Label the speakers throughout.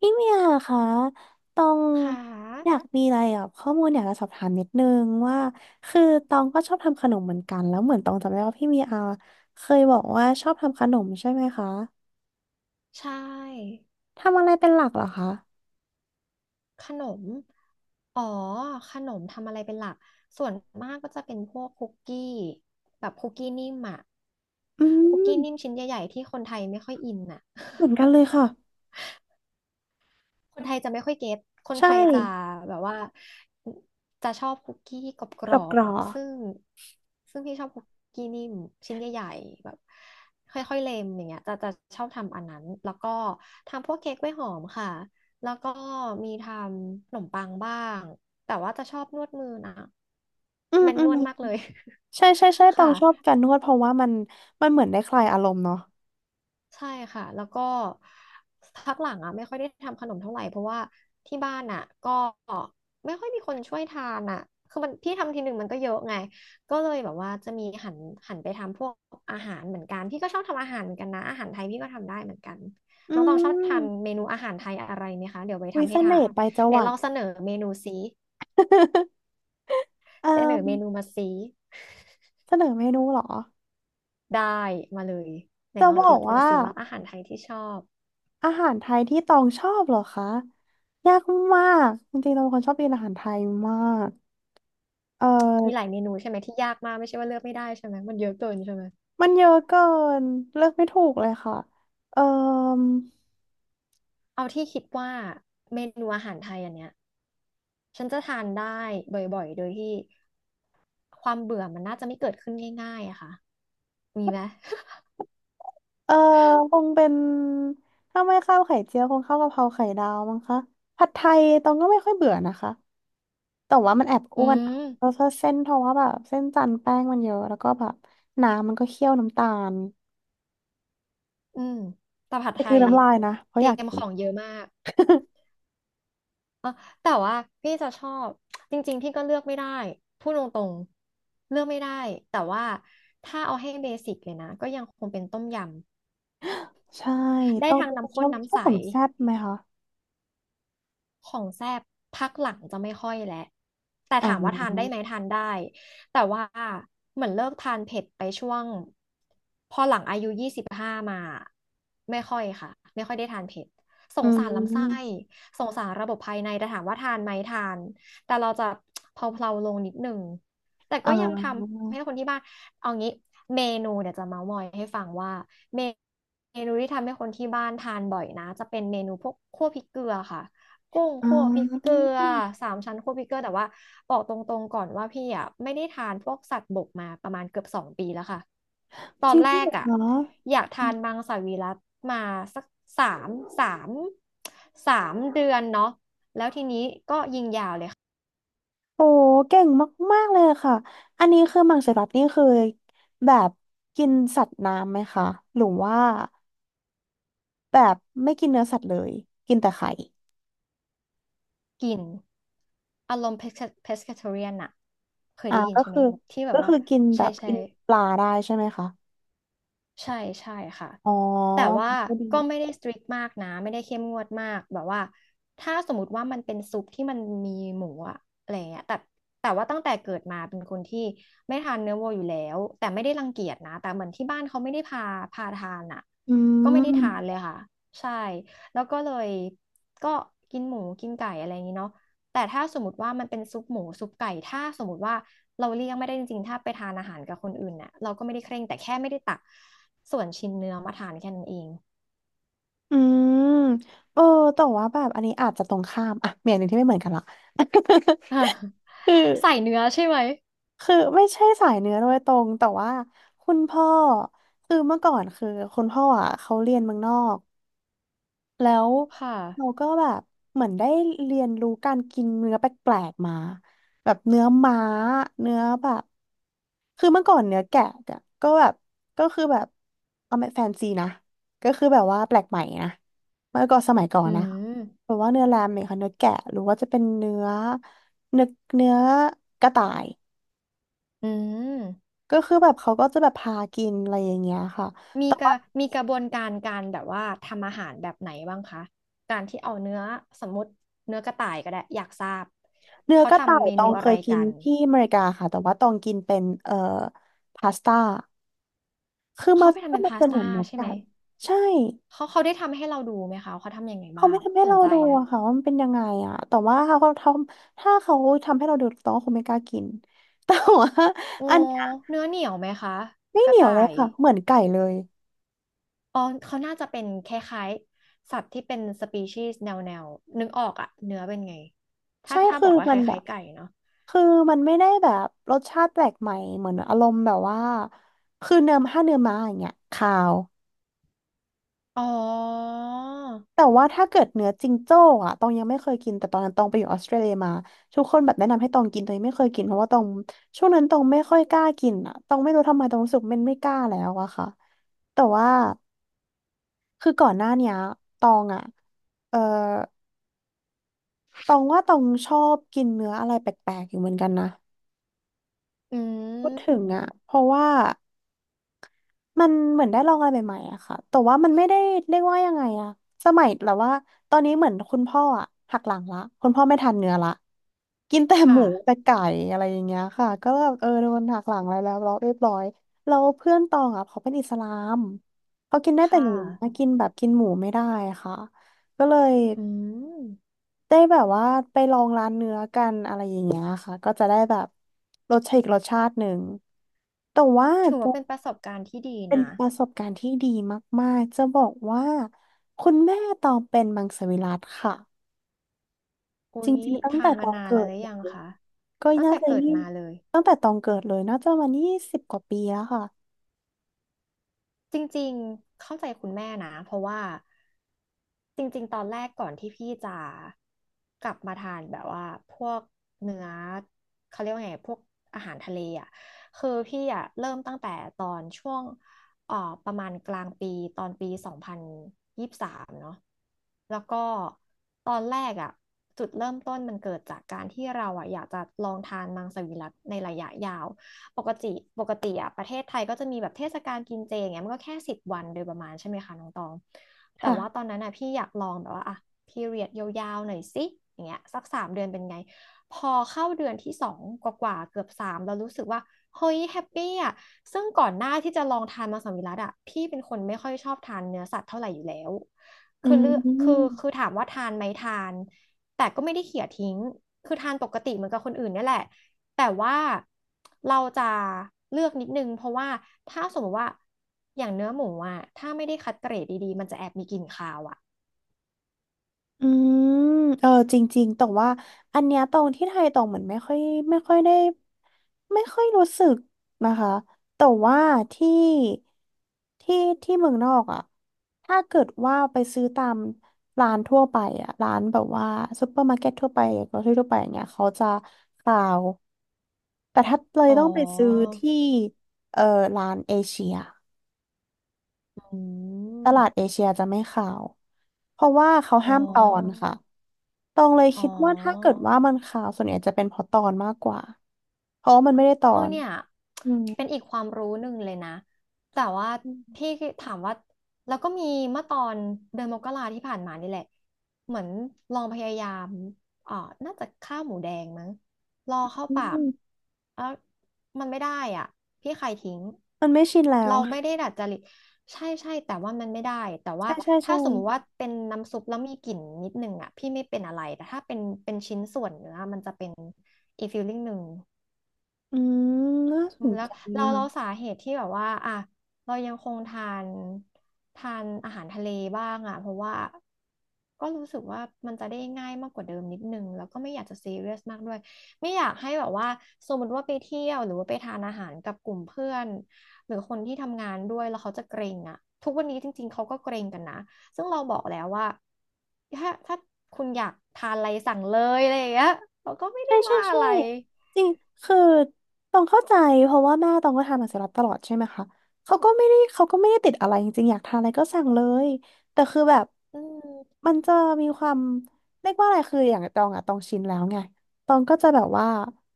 Speaker 1: พี่เมียคะตอง
Speaker 2: ขา
Speaker 1: อยากมีอะไรอ่ะข้อมูลอยากจะสอบถามนิดนึงว่าคือตองก็ชอบทำขนมเหมือนกันแล้วเหมือนตองจำได้ว่าพี่เมียเคยบอกว่าชอบทำขนมใช่ไหมคะ
Speaker 2: ใช่
Speaker 1: ทำอะไรเป็นหลักเหรอคะ
Speaker 2: ขนมอ๋อขนมทำอะไรเป็นหลักส่วนมากก็จะเป็นพวกคุกกี้แบบคุกกี้นิ่มอะ
Speaker 1: อื
Speaker 2: คุก
Speaker 1: ม
Speaker 2: กี้นิ่มชิ้นใหญ่ๆที่คนไทยไม่ค่อยอินอะ
Speaker 1: เหมือนกันเลยค่ะ
Speaker 2: คนไทยจะไม่ค่อยเก็ตคน
Speaker 1: ใช่
Speaker 2: ไทยจะแบบว่าจะชอบคุกกี้ที่ก
Speaker 1: ก
Speaker 2: ร
Speaker 1: รอ
Speaker 2: อ
Speaker 1: บก
Speaker 2: บ
Speaker 1: รอ
Speaker 2: ๆ
Speaker 1: บ
Speaker 2: ซึ่งพี่ชอบคุกกี้นิ่มชิ้นใหญ่ๆแบบค่อยๆเลมอย่างเงี้ยจะชอบทำอันนั้นแล้วก็ทำพวกเค้กกล้วยหอมค่ะแล้วก็มีทำขนมปังบ้างแต่ว่าจะชอบนวดมือนะ
Speaker 1: อืม
Speaker 2: แมน
Speaker 1: อื
Speaker 2: นว
Speaker 1: ม
Speaker 2: ลมากเลย
Speaker 1: ใช่ใช่ใช่ ตอง
Speaker 2: ค่ะ
Speaker 1: ชอบการนวดเพราะว่ามันเหมือนได้คลายอารมณ์เนาะ
Speaker 2: ใช่ค่ะแล้วก็พักหลังอ่ะไม่ค่อยได้ทำขนมเท่าไหร่เพราะว่าที่บ้านอ่ะก็ไม่ค่อยมีคนช่วยทานอ่ะคือมันพี่ทำทีหนึ่งมันก็เยอะไงก็เลยแบบว่าจะมีหันไปทำพวกอาหารเหมือนกันพี่ก็ชอบทำอาหารเหมือนกันนะอาหารไทยพี่ก็ทำได้เหมือนกัน
Speaker 1: อื
Speaker 2: น้องตองชอบทาน
Speaker 1: ม
Speaker 2: เมนูอาหารไทยอะไรไหมคะเดี๋ยวไป
Speaker 1: วิ
Speaker 2: ทำ
Speaker 1: เส
Speaker 2: ให้
Speaker 1: น่
Speaker 2: ทาน
Speaker 1: ห์ไปจัง
Speaker 2: ไหน
Speaker 1: หวั
Speaker 2: ล
Speaker 1: ด
Speaker 2: องเสนอเมนูซิ
Speaker 1: เอ่อ
Speaker 2: เสนอเมนูมาซิ
Speaker 1: เสนอเมนูเหรอ
Speaker 2: ได้มาเลยไหน
Speaker 1: จะ
Speaker 2: ลอ
Speaker 1: บ
Speaker 2: ง
Speaker 1: อ
Speaker 2: คิด
Speaker 1: ก
Speaker 2: ดู
Speaker 1: ว่า
Speaker 2: ซิว่าอาหารไทยที่ชอบ
Speaker 1: อาหารไทยที่ตองชอบเหรอคะยากมากจริงๆตองเป็นคนชอบกินอาหารไทยมากเอ
Speaker 2: มีหลาย
Speaker 1: อ
Speaker 2: เมนูใช่ไหมที่ยากมากไม่ใช่ว่าเลือกไม่ได้ใช่ไหมมันเยอะเกินใช่ไหม
Speaker 1: มันเยอะเกินเลือกไม่ถูกเลยค่ะเออ
Speaker 2: เอาที่คิดว่าเมนูอาหารไทยอันเนี้ยฉันจะทานได้บ่อยๆโดยที่ความเบื่อมันน่าจะไม่เกิดขึ้นง่ายๆอะค่ะมีไหม
Speaker 1: เออคงเป็นถ้าไม่ข้าวไข่เจียวคงข้าวกะเพราไข่ดาวมั้งคะผัดไทยตองก็ไม่ค่อยเบื่อนะคะแต่ว่ามันแอบ
Speaker 2: อื
Speaker 1: อ้วนอะ
Speaker 2: ม
Speaker 1: เพราะว่าแบบเส้นจันทร์แป้งมันเยอะแล้วก็แบบน้ำมันก็เคี่ยวน้ำตาล
Speaker 2: อืมแตำผัด
Speaker 1: แต่
Speaker 2: ไท
Speaker 1: คือ
Speaker 2: ย
Speaker 1: น้ำลายนะเพ
Speaker 2: เต
Speaker 1: ราะอ
Speaker 2: รี
Speaker 1: ยา
Speaker 2: ย
Speaker 1: ก
Speaker 2: ม
Speaker 1: กิ
Speaker 2: ข
Speaker 1: น
Speaker 2: องเยอะมากเออแต่ว่าพี่จะชอบจริงๆพี่ก็เลือกไม่ได้พูดตรงๆเลือกไม่ได้แต่ว่าถ้าเอาให้เบสิกเลยนะก็ยังคงเป็นต้มย
Speaker 1: ใช่
Speaker 2: ำได้
Speaker 1: ต้อง
Speaker 2: ทั้ง
Speaker 1: เป็นคน
Speaker 2: น้ำ
Speaker 1: ช
Speaker 2: ข้
Speaker 1: อ
Speaker 2: น
Speaker 1: บช
Speaker 2: น้ำ
Speaker 1: อบ
Speaker 2: ใส
Speaker 1: ของแซ่บไหมคะ
Speaker 2: ของแซ่บพักหลังจะไม่ค่อยแล้วแต่
Speaker 1: อ่า
Speaker 2: ถามว่าทานได้ไหมทานได้แต่ว่าเหมือนเลิกทานเผ็ดไปช่วงพอหลังอายุ25มาไม่ค่อยค่ะไม่ค่อยได้ทานเผ็ดส
Speaker 1: อื
Speaker 2: งสารลำไส้
Speaker 1: ม
Speaker 2: สงสารระบบภายในแต่ถามว่าทานไหมทานแต่เราจะเพลาๆลงนิดหนึ่งแต่
Speaker 1: อ่
Speaker 2: ก็ยังท
Speaker 1: า
Speaker 2: ำให้คนที่บ้านเอางี้เมนูเดี๋ยวจะเมาท์มอยให้ฟังว่าเมนูที่ทำให้คนที่บ้านทานบ่อยนะจะเป็นเมนูพวกคั่วพริกเกลือค่ะ กุ้ง
Speaker 1: อ่
Speaker 2: คั่วพริกเก
Speaker 1: า
Speaker 2: ลือสามชั้นคั่วพริกเกลือแต่ว่าบอกตรงๆก่อนว่าพี่อ่ะไม่ได้ทานพวกสัตว์บกมาประมาณเกือบ2 ปีแล้วค่ะตอ
Speaker 1: จ
Speaker 2: น
Speaker 1: ริง
Speaker 2: แรกอ่ะ
Speaker 1: เหรอ
Speaker 2: อยากทานมังสวิรัติมาสักสามสามสามเดือนเนาะ
Speaker 1: โอ้เก่งมากๆเลยค่ะอันนี้คือมังสวิรัตินี่คือแบบกินสัตว์น้ำไหมคะหรือว่าแบบไม่กินเนื้อสัตว์เลย กินแต่ไข่
Speaker 2: กินอารมณ์เพส pescatarian อะเคย
Speaker 1: อ่า
Speaker 2: ได้ยิน
Speaker 1: ก็
Speaker 2: ใช่ไหม
Speaker 1: คือ
Speaker 2: ที่แบบว่า
Speaker 1: กินแบ
Speaker 2: ใช่
Speaker 1: บ
Speaker 2: ใช่
Speaker 1: กินปลาได้ใช่ไหมคะ
Speaker 2: ใช่ใช่ค่ะ
Speaker 1: อ๋อ
Speaker 2: แต่ว่า
Speaker 1: ก็ดี
Speaker 2: ก็ไม่ได้สตริกมากนะไม่ได้เข้มงวดมากแบบว่าถ้าสมมติว่ามันเป็นซุปที่มันมีหมูอะอะไรเงี้ยแต่แต่ว่าตั้งแต่เกิดมาเป็นคนที่ไม่ทานเนื้อวัวอยู่แล้วแต่ไม่ได้รังเกียจนะแต่เหมือนที่บ้านเขาไม่ได้พาทานอะ
Speaker 1: อื
Speaker 2: ก็ไม่ได้ทานเลย
Speaker 1: ม
Speaker 2: ค่ะใช่แล้วก็เลยก็กินหมูกินไก่อะไรอย่างนี้เนาะแต่ถ้าสมมติว่ามันเป็นซุปหมูซุปไก่ถ้าสมมติว่าเราเลี่ยงไม่ได้จริงๆถ้าไปทานอาหารกับคนอื่นน่ะเราก็ไม่ได้เคร่งแต่แค่ไม่ได้ตัก ส่วนชิ้นเนื้อมาทานแค่นั้นเอง
Speaker 1: อืมเออแต่ว่าแบบอันนี้อาจจะตรงข้ามอ่ะมีอันหนึงที่ไม่เหมือนกันละ
Speaker 2: อ่ะ
Speaker 1: คือ
Speaker 2: ใส่เนื้อใช่ไหม
Speaker 1: ไม่ใช่สายเนื้อโดยตรงแต่ว่าคุณพ่อคือเมื่อก่อนคือคุณพ่ออ่ะเขาเรียนเมืองนอกแล้ว
Speaker 2: ค่ะ
Speaker 1: เราก็แบบเหมือนได้เรียนรู้การกินเนื้อแปลกๆมาแบบเนื้อม้าเนื้อแบบคือเมื่อก่อนเนื้อแกะอะก็แบบก็คือแบบเอาแฟนซีนะก็คือแบบว่าแปลกใหม่นะเมื่อก่อนสมัยก่อ
Speaker 2: อื
Speaker 1: นนะคะ
Speaker 2: ม
Speaker 1: แบบว่าเนื้อแรมเนี่ยค่ะเนื้อแกะหรือว่าจะเป็นเนื้อเนื้อเนื้อกระต่าย
Speaker 2: อืม
Speaker 1: ก็คือแบบเขาก็จะแบบพากินอะไรอย่างเงี้ยค่ะ
Speaker 2: มี
Speaker 1: แต่
Speaker 2: กระ
Speaker 1: ว่า
Speaker 2: มีกระบวนการการแบบว่าทำอาหารแบบไหนบ้างคะ การที่เอาเนื้อสมมติเนื้อกระต่ายก็ได้อยากทราบ
Speaker 1: เนื้อ
Speaker 2: เขา
Speaker 1: กระต่า
Speaker 2: ทำ
Speaker 1: ย
Speaker 2: เม
Speaker 1: ตอ
Speaker 2: นู
Speaker 1: ง
Speaker 2: อะ
Speaker 1: เค
Speaker 2: ไร
Speaker 1: ยกิน
Speaker 2: กัน
Speaker 1: ที่อเมริกาค่ะ แต่ว่าตองกินเป็นพาสต้าคือ
Speaker 2: เขา
Speaker 1: มัน
Speaker 2: ไปทำ
Speaker 1: ก็
Speaker 2: เป็น
Speaker 1: มัน
Speaker 2: พาส
Speaker 1: จะเหมื
Speaker 2: ต้า
Speaker 1: อนเนื้อ
Speaker 2: ใช่ไห
Speaker 1: ไก่
Speaker 2: ม
Speaker 1: ใช่
Speaker 2: เขาเขาได้ทำให้เราดูไหมคะเขาทำยังไง
Speaker 1: เขา
Speaker 2: บ้า
Speaker 1: ไม่
Speaker 2: ง
Speaker 1: ทำให้
Speaker 2: สน
Speaker 1: เรา
Speaker 2: ใจ
Speaker 1: ดู
Speaker 2: นะ
Speaker 1: อะค่ะว่ามันเป็นยังไงอะแต่ว่าถ้าเขาทำให้เราดูตองก็คงไม่กล้ากิน แต่ว่า
Speaker 2: โอ้
Speaker 1: อันเนี้ย
Speaker 2: เนื้อเหนียวไหมคะ
Speaker 1: ไม่
Speaker 2: ก
Speaker 1: เห
Speaker 2: ระ
Speaker 1: นียว
Speaker 2: ต่า
Speaker 1: เลย
Speaker 2: ย
Speaker 1: ค่ะเหมือนไก่เลย
Speaker 2: อ๋อ เขาน่าจะเป็นคล้ายๆสัตว์ที่เป็นสปีชีส์แนวแนวนึกออกอะเนื้อเป็นไง ถ้า
Speaker 1: ใช่
Speaker 2: ถ้า
Speaker 1: คื
Speaker 2: บ
Speaker 1: อ
Speaker 2: อกว่าค
Speaker 1: มันแบ
Speaker 2: ล้าย
Speaker 1: บ
Speaker 2: ๆไก่เนาะ
Speaker 1: คือมันไม่ได้แบบรสชาติแปลกใหม่เหมือนอารมณ์แบบว่าคือเนื้อถ้าเนื้อม้าอย่างเงี้ยคาว
Speaker 2: อ๋อ
Speaker 1: แต่ว่าถ้าเกิดเนื้อจิงโจ้อะตองยังไม่เคยกินแต่ตอนนั้นตองไปอยู่ออสเตรเลียมาทุกคนแบบแนะนำให้ตองกินตองยังไม่เคยกินเพราะว่าตองช่วงนั้นตองไม่ค่อยกล้ากินอะตองไม่รู้ทำไมตองรู้สึกมันไม่กล้าแล้วอะค่ะแต่ว่าคือก่อนหน้าเนี้ยตองอะเออตองว่าตองชอบกินเนื้ออะไรแปลกๆอยู่เหมือนกันนะ
Speaker 2: อื
Speaker 1: พูดถึง
Speaker 2: ม
Speaker 1: อะเพราะว่า มันเหมือนได้ลองอะไรใหม่ๆอะค่ะแต่ว่ามันไม่ได้เรียกว่ายังไงอะสมัยแบบว่าตอนนี้เหมือนคุณพ่ออะหักหลังละคุณพ่อไม่ทานเนื้อละ กินแต่ห
Speaker 2: ค่ะ
Speaker 1: มูแต่ไก่อะไรอย่างเงี้ยค่ะก็แบบเออโดนหักหลังอะไรแล้วเราเรียบร้อยเราเพื่อนตองอะเขาเป็นอิสลามเขากินได้แต่
Speaker 2: ค่ะ
Speaker 1: หมูนะกินแบบกินหมูไม่ได้ค่ะก็เลย
Speaker 2: อืม
Speaker 1: ได้แบบว่าไปลองร้านเนื้อกันอะไรอย่างเงี้ยค่ะ ก็จะได้แบบรสชาติอีกรสชาติหนึ่ง แต่ว่า
Speaker 2: ถือว่าเป็นประสบการณ์ที่ดี
Speaker 1: เป็น
Speaker 2: นะ
Speaker 1: ประสบการณ์ที่ดีมาก ๆ จะบอกว่าคุณแม่ตองเป็นมังสวิรัติค่ะจ
Speaker 2: อุ๊ย
Speaker 1: ริง ๆ ตั้ง
Speaker 2: ทา
Speaker 1: แต่
Speaker 2: น
Speaker 1: ต
Speaker 2: มา
Speaker 1: อง
Speaker 2: นาน
Speaker 1: เกิ
Speaker 2: แล้วห
Speaker 1: ด
Speaker 2: รื
Speaker 1: เล
Speaker 2: อยัง
Speaker 1: ย
Speaker 2: คะ
Speaker 1: ก็
Speaker 2: ตั้ง
Speaker 1: น่า
Speaker 2: แต่
Speaker 1: จะ
Speaker 2: เกิด
Speaker 1: ยี่
Speaker 2: มาเลย
Speaker 1: ตั้งแต่ตองเกิดเลยน่าจะวัน20 กว่าปีแล้วค่ะ
Speaker 2: จริงๆเข้าใจคุณแม่นะเพราะว่าจริงๆตอนแรกก่อนที่พี่จะกลับมาทานแบบว่าพวกเนื้อเขาเรียกว่าไงพวกอาหารทะเลอ่ะคือพี่อ่ะเริ่มตั้งแต่ตอนช่วงเอ่อประมาณกลางปีตอนปี 2023เนาะแล้วก็ตอนแรกอ่ะจุดเริ่มต้นมันเกิดจากการที่เราอ่ะอยากจะลองทานมังสวิรัติในระยะยาว ปกติปกติอะประเทศไทยก็จะมีแบบเทศกาลกินเจอย่างเงี้ยมันก็แค่10 วันโดยประมาณใช่ไหมคะน้องตองแต่ว่าตอ
Speaker 1: ค่ะ
Speaker 2: นนั้นอะพี่อยากลองแบบว่าอะพีเรียดยาวๆหน่อยสิอย่างเงี้ยสัก3 เดือนเป็นไงพอเข้าเดือนที่สองกว่าๆเกือบสามเรารู้สึกว่าเฮ้ยแฮปปี้อะซึ่งก่อนหน้าที่จะลองทานมังสวิรัติอะพี่เป็นคนไม่ค่อยชอบทานเนื้อสัตว์เท่าไหร่อยู่แล้ว
Speaker 1: อื
Speaker 2: คือเลือกคือคือ
Speaker 1: ม
Speaker 2: ถามว่าทานไหมทานแต่ก็ไม่ได้เขี่ยทิ้งคือทานปกติเหมือนกับคนอื่นเนี่ยแหละ แต่ว่าเราจะเลือกนิดนึงเพราะว่าถ้าสมมติว่าอย่างเนื้อหมูอ่ะถ้าไม่ได้คัดเกรดดีๆมันจะแอบมีกลิ่นคาวอ่ะ
Speaker 1: อืมเออจริงๆแต่ว่าอันเนี้ยตรงที่ไทยตรงเหมือนไม่ค่อยได้ไม่ค่อยรู้สึกนะคะแต่ว่าที่ที่ที่เมืองนอกอ่ะถ้าเกิดว่าไปซื้อตามร้านทั่วไปอ่ะร้านแบบว่าซูเปอร์มาร์เก็ตทั่วไปก็ทั่วไปอย่างเงี้ยเขาจะกล่าวแต่ถ้าเลย
Speaker 2: อ๋อ
Speaker 1: ต้องไปซื้อที่เออร้านเอเชีย
Speaker 2: อื
Speaker 1: ตลาด
Speaker 2: ม
Speaker 1: เอเชียจะไม่ขาวเพราะว่าเขา
Speaker 2: อ๋
Speaker 1: ห้ามตอน
Speaker 2: อ
Speaker 1: ค่ะตองเลย
Speaker 2: อ๋อ
Speaker 1: คิดว่าถ้าเกิดว่ามันขาวส่วนใหญ่จะเป็นเพราะตอนมากกว่าเพราะว่ามันไม่ได้ตอ
Speaker 2: เออ
Speaker 1: น
Speaker 2: เนี่ย
Speaker 1: อืม
Speaker 2: เป็นอีกความรู้หนึ่งเลยนะแต่ว่า
Speaker 1: อื
Speaker 2: พี่
Speaker 1: ม
Speaker 2: ถามว่าแล้วก็มีเมื่อตอนเดือนมกราที่ผ่านมานี่แหละเหมือนลองพยายามเอ่อน่าจะข้าวหมูแดงมั้งรอเข้า
Speaker 1: อื
Speaker 2: ปาก
Speaker 1: ม
Speaker 2: แล้วมันไม่ได้อ่ะพี่ใครทิ้ง
Speaker 1: มันไม่ชินแล้
Speaker 2: เรา
Speaker 1: ว
Speaker 2: ไม่ได้ดัดจริตใช่ใช่แต่ว่ามันไม่ได้แต่ว่า
Speaker 1: ใช่ใช่
Speaker 2: ถ้า
Speaker 1: ใช่
Speaker 2: สมมุติว่าเป็นน้ำซุปแล้วมีกลิ่นนิดนึงอ่ะพี่ไม่เป็นอะไรแต่ถ้าเป็นเป็นชิ้นส่วนเนื้อมันจะเป็นอีกฟีลลิ่งหนึ่ง
Speaker 1: อืมน่า
Speaker 2: อื
Speaker 1: ส
Speaker 2: ม
Speaker 1: น
Speaker 2: แล้ว
Speaker 1: ใจ
Speaker 2: เรา
Speaker 1: นะ
Speaker 2: เรา
Speaker 1: คะ
Speaker 2: สาเหตุที่แบบว่าอ่ะเรายังคงทานอาหารทะเลบ้างอ่ะเพราะว่าก็รู้สึกว่ามันจะได้ง่ายมากกว่าเดิมนิดนึงแล้วก็ไม่อยากจะซีเรียสมากด้วยไม่อยากให้แบบว่าสมมติว่าไปเที่ยวหรือว่าไปทานอาหารกับกลุ่มเพื่อนหรือคนที่ทำงานด้วยแล้วเขาจะเกรงอ่ะทุกวันนี้จริงๆเขาก็เกรงกันนะซึ่งเราบอกแล้วว่าถ้าคุณอยากทานอะไรสั่งเลยอะไรอย่างเงี้ยเราก็ไม่ได้
Speaker 1: ใช่ใช่
Speaker 2: ว่าอะ
Speaker 1: ใช่
Speaker 2: ไร
Speaker 1: จริงคือตองเข้าใจเพราะว่าแม่ตองก็ทำอาหารเสร็จตลอดใช่ไหมคะเขาก็ไม่ได้ติดอะไรจริงๆอยากทานอะไรก็สั่งเลยแต่คือแบบ
Speaker 2: อืม
Speaker 1: มันจะมีความเรียกว่าอะไรคืออย่างตองอะตองชินแล้วไงตองก็จะแบบว่า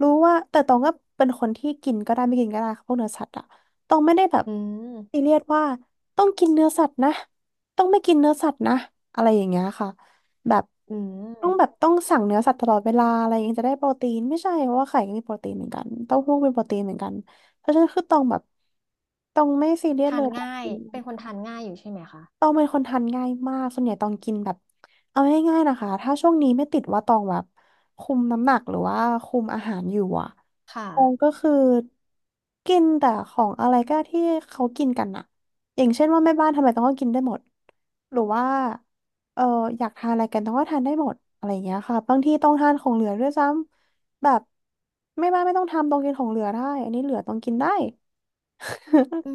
Speaker 1: รู้ว่าแต่ตองก็เป็นคนที่กินก็ได้ไม่กินก็ได้ค่ะพวกเนื้อสัตว์อะตองไม่ได้แบบ
Speaker 2: อื
Speaker 1: ซี
Speaker 2: ม
Speaker 1: เรียสว่าต้องกินเนื้อสัตว์นะต้องไม่กินเนื้อสัตว์นะอะไรอย่างเงี้ยค่ะ แบบ
Speaker 2: อืม
Speaker 1: ต้องสั่งเนื้อสัตว์ตลอดเวลาอะไรอย่างเงี้ยจะได้โปรตีนไม่ใช่เพราะว่าไข่ก็มีโปรตีนเหมือนกันเต้าหู้มีโปรตีนเหมือนกันเพราะฉะนั้นคือต้องแบบต้องไม่ซีเรียส
Speaker 2: ทา
Speaker 1: เล
Speaker 2: น
Speaker 1: ยต้บ
Speaker 2: ง่าย
Speaker 1: กิน
Speaker 2: เป็นคนทานง่ายอยู่ใช่ไหมคะ
Speaker 1: ตองเป็นคนทานง่ายมากส่วนใหญ่ตองกินแบบเอาง่ายๆนะคะถ้าช่วงนี้ไม่ติดว่าตองแบบคุมน้ำหนักหรือว่าคุมอาหารอยู่อะ
Speaker 2: ค่ะ
Speaker 1: ตองก็คือกินแต่ของอะไรก็ที่เขากินกันอะอย่างเช่นว่าแม่บ้านทำอะไรตองก็กินได้หมดหรือว่าเอออยากทานอะไรกันตองก็ทานได้หมดอะไรอย่างเงี้ยค่ะบางทีต้องทานของเหลือด้วยซ้ำแบบแม่บ้านไม่ต้องทำตองกินของเหลือได้อันนี้เหลือตองกินได้
Speaker 2: อื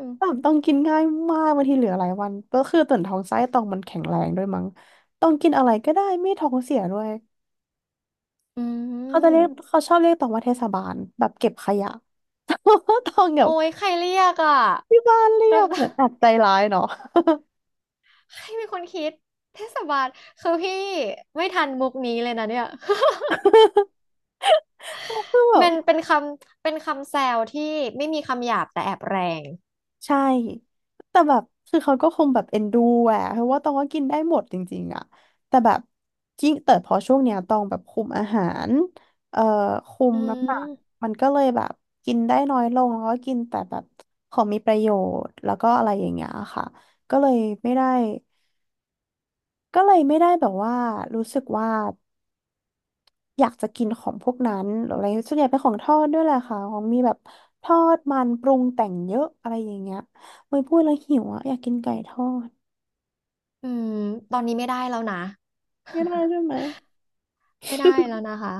Speaker 2: ม
Speaker 1: แบบต้องกินง่ายมากบางทีเหลือหลายวันก็คือต่วนท้องไส้ตองมันแข็งแรงด้วยมั้งต้องกินอะไรก็ได้ไม่ท้องเสียด้วย
Speaker 2: อื
Speaker 1: เขาจะเรียก
Speaker 2: ม
Speaker 1: เขาชอบเรียกตองว่าเทศบาลแบบเก็บขยะ ตองแบ
Speaker 2: โอ้ย
Speaker 1: บ
Speaker 2: ใครเรียกอ่ะ
Speaker 1: ที่บ้านเรี
Speaker 2: ดอ
Speaker 1: ย
Speaker 2: ก
Speaker 1: ก
Speaker 2: เตอ
Speaker 1: เห
Speaker 2: ร
Speaker 1: มือนแอบใจร้ายเนาะ
Speaker 2: ใครเป็นคนคิดเทศบาลคือพี่ไม่ทันมุกนี้เลยนะเนี่ย
Speaker 1: คือแบ
Speaker 2: มั
Speaker 1: บ
Speaker 2: นเป็นคำแซวที่ไม่มีคำหยาบแต่แอบแรง
Speaker 1: ใช่ แต่แบบคือเขาก็คงแบบเอ็นดูแหละเพราะว่าตองก็กินได้หมดจริงๆอะแต่แบบยิ่งแต่พอช่วงเนี้ยตองแบบคุมอาหารเอ่อคุม
Speaker 2: อื
Speaker 1: น้ำหนัก
Speaker 2: ม
Speaker 1: มันก็เลยแบบกินได้น้อยลงแล้วก็กินแต่แบบของมีประโยชน์แล้วก็อะไรอย่างเงี้ยค่ะ ก็เลยไม่ได้ก็เลยไม่ได้แบบว่ารู้สึกว่า อยากจะกินของพวกนั้นหรืออะไรส่วนใหญ่เป็นของทอดด้วยแหละค่ะของมีแบบทอดมันปรุงแต่งเยอะอะไรอย่างเงี้ยไม่พูดแล้วหิวอ่ะอยากกินไก่ทอด
Speaker 2: อืมตอนนี้ไม่ได้แล้วนะ
Speaker 1: ไม่ได้ใช่ไหม
Speaker 2: ไม่ได้แล้วนะคะ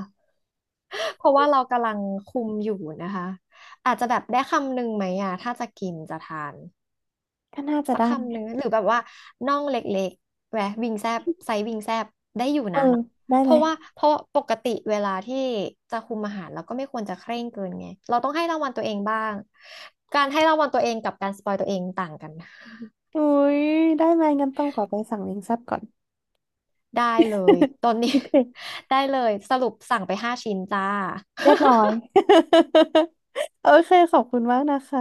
Speaker 2: เพราะว่าเรากำลังคุมอยู่นะคะอาจจะแบบได้คำหนึ่งไหมอ่ะถ้าจะกินจะทาน
Speaker 1: ก็น่าจะ
Speaker 2: สัก
Speaker 1: ได้
Speaker 2: คำหนึ่งหรือแบบว่าน่องเล็กๆแหวะวิงแซบไซส์วิงแซบได้อยู่
Speaker 1: เออ
Speaker 2: นะ
Speaker 1: ได้
Speaker 2: เพ
Speaker 1: ไหม
Speaker 2: ราะว่าเพราะปกติเวลาที่จะคุมอาหารเราก็ไม่ควรจะเคร่งเกินไงเราต้องให้รางวัลตัวเองบ้างการให้รางวัลตัวเองกับการสปอยตัวเองต่างกัน
Speaker 1: อุ้ยได้ไหมงั้นต้องขอไปสั่งเล้งแซ่บก่อน
Speaker 2: ได้เลย ตอน
Speaker 1: โอ
Speaker 2: นี้
Speaker 1: เค
Speaker 2: ได้เลยสรุปสั่งไป5 ชิ้นจ้า
Speaker 1: เรียบร้อย โอเคขอบคุณมากนะคะ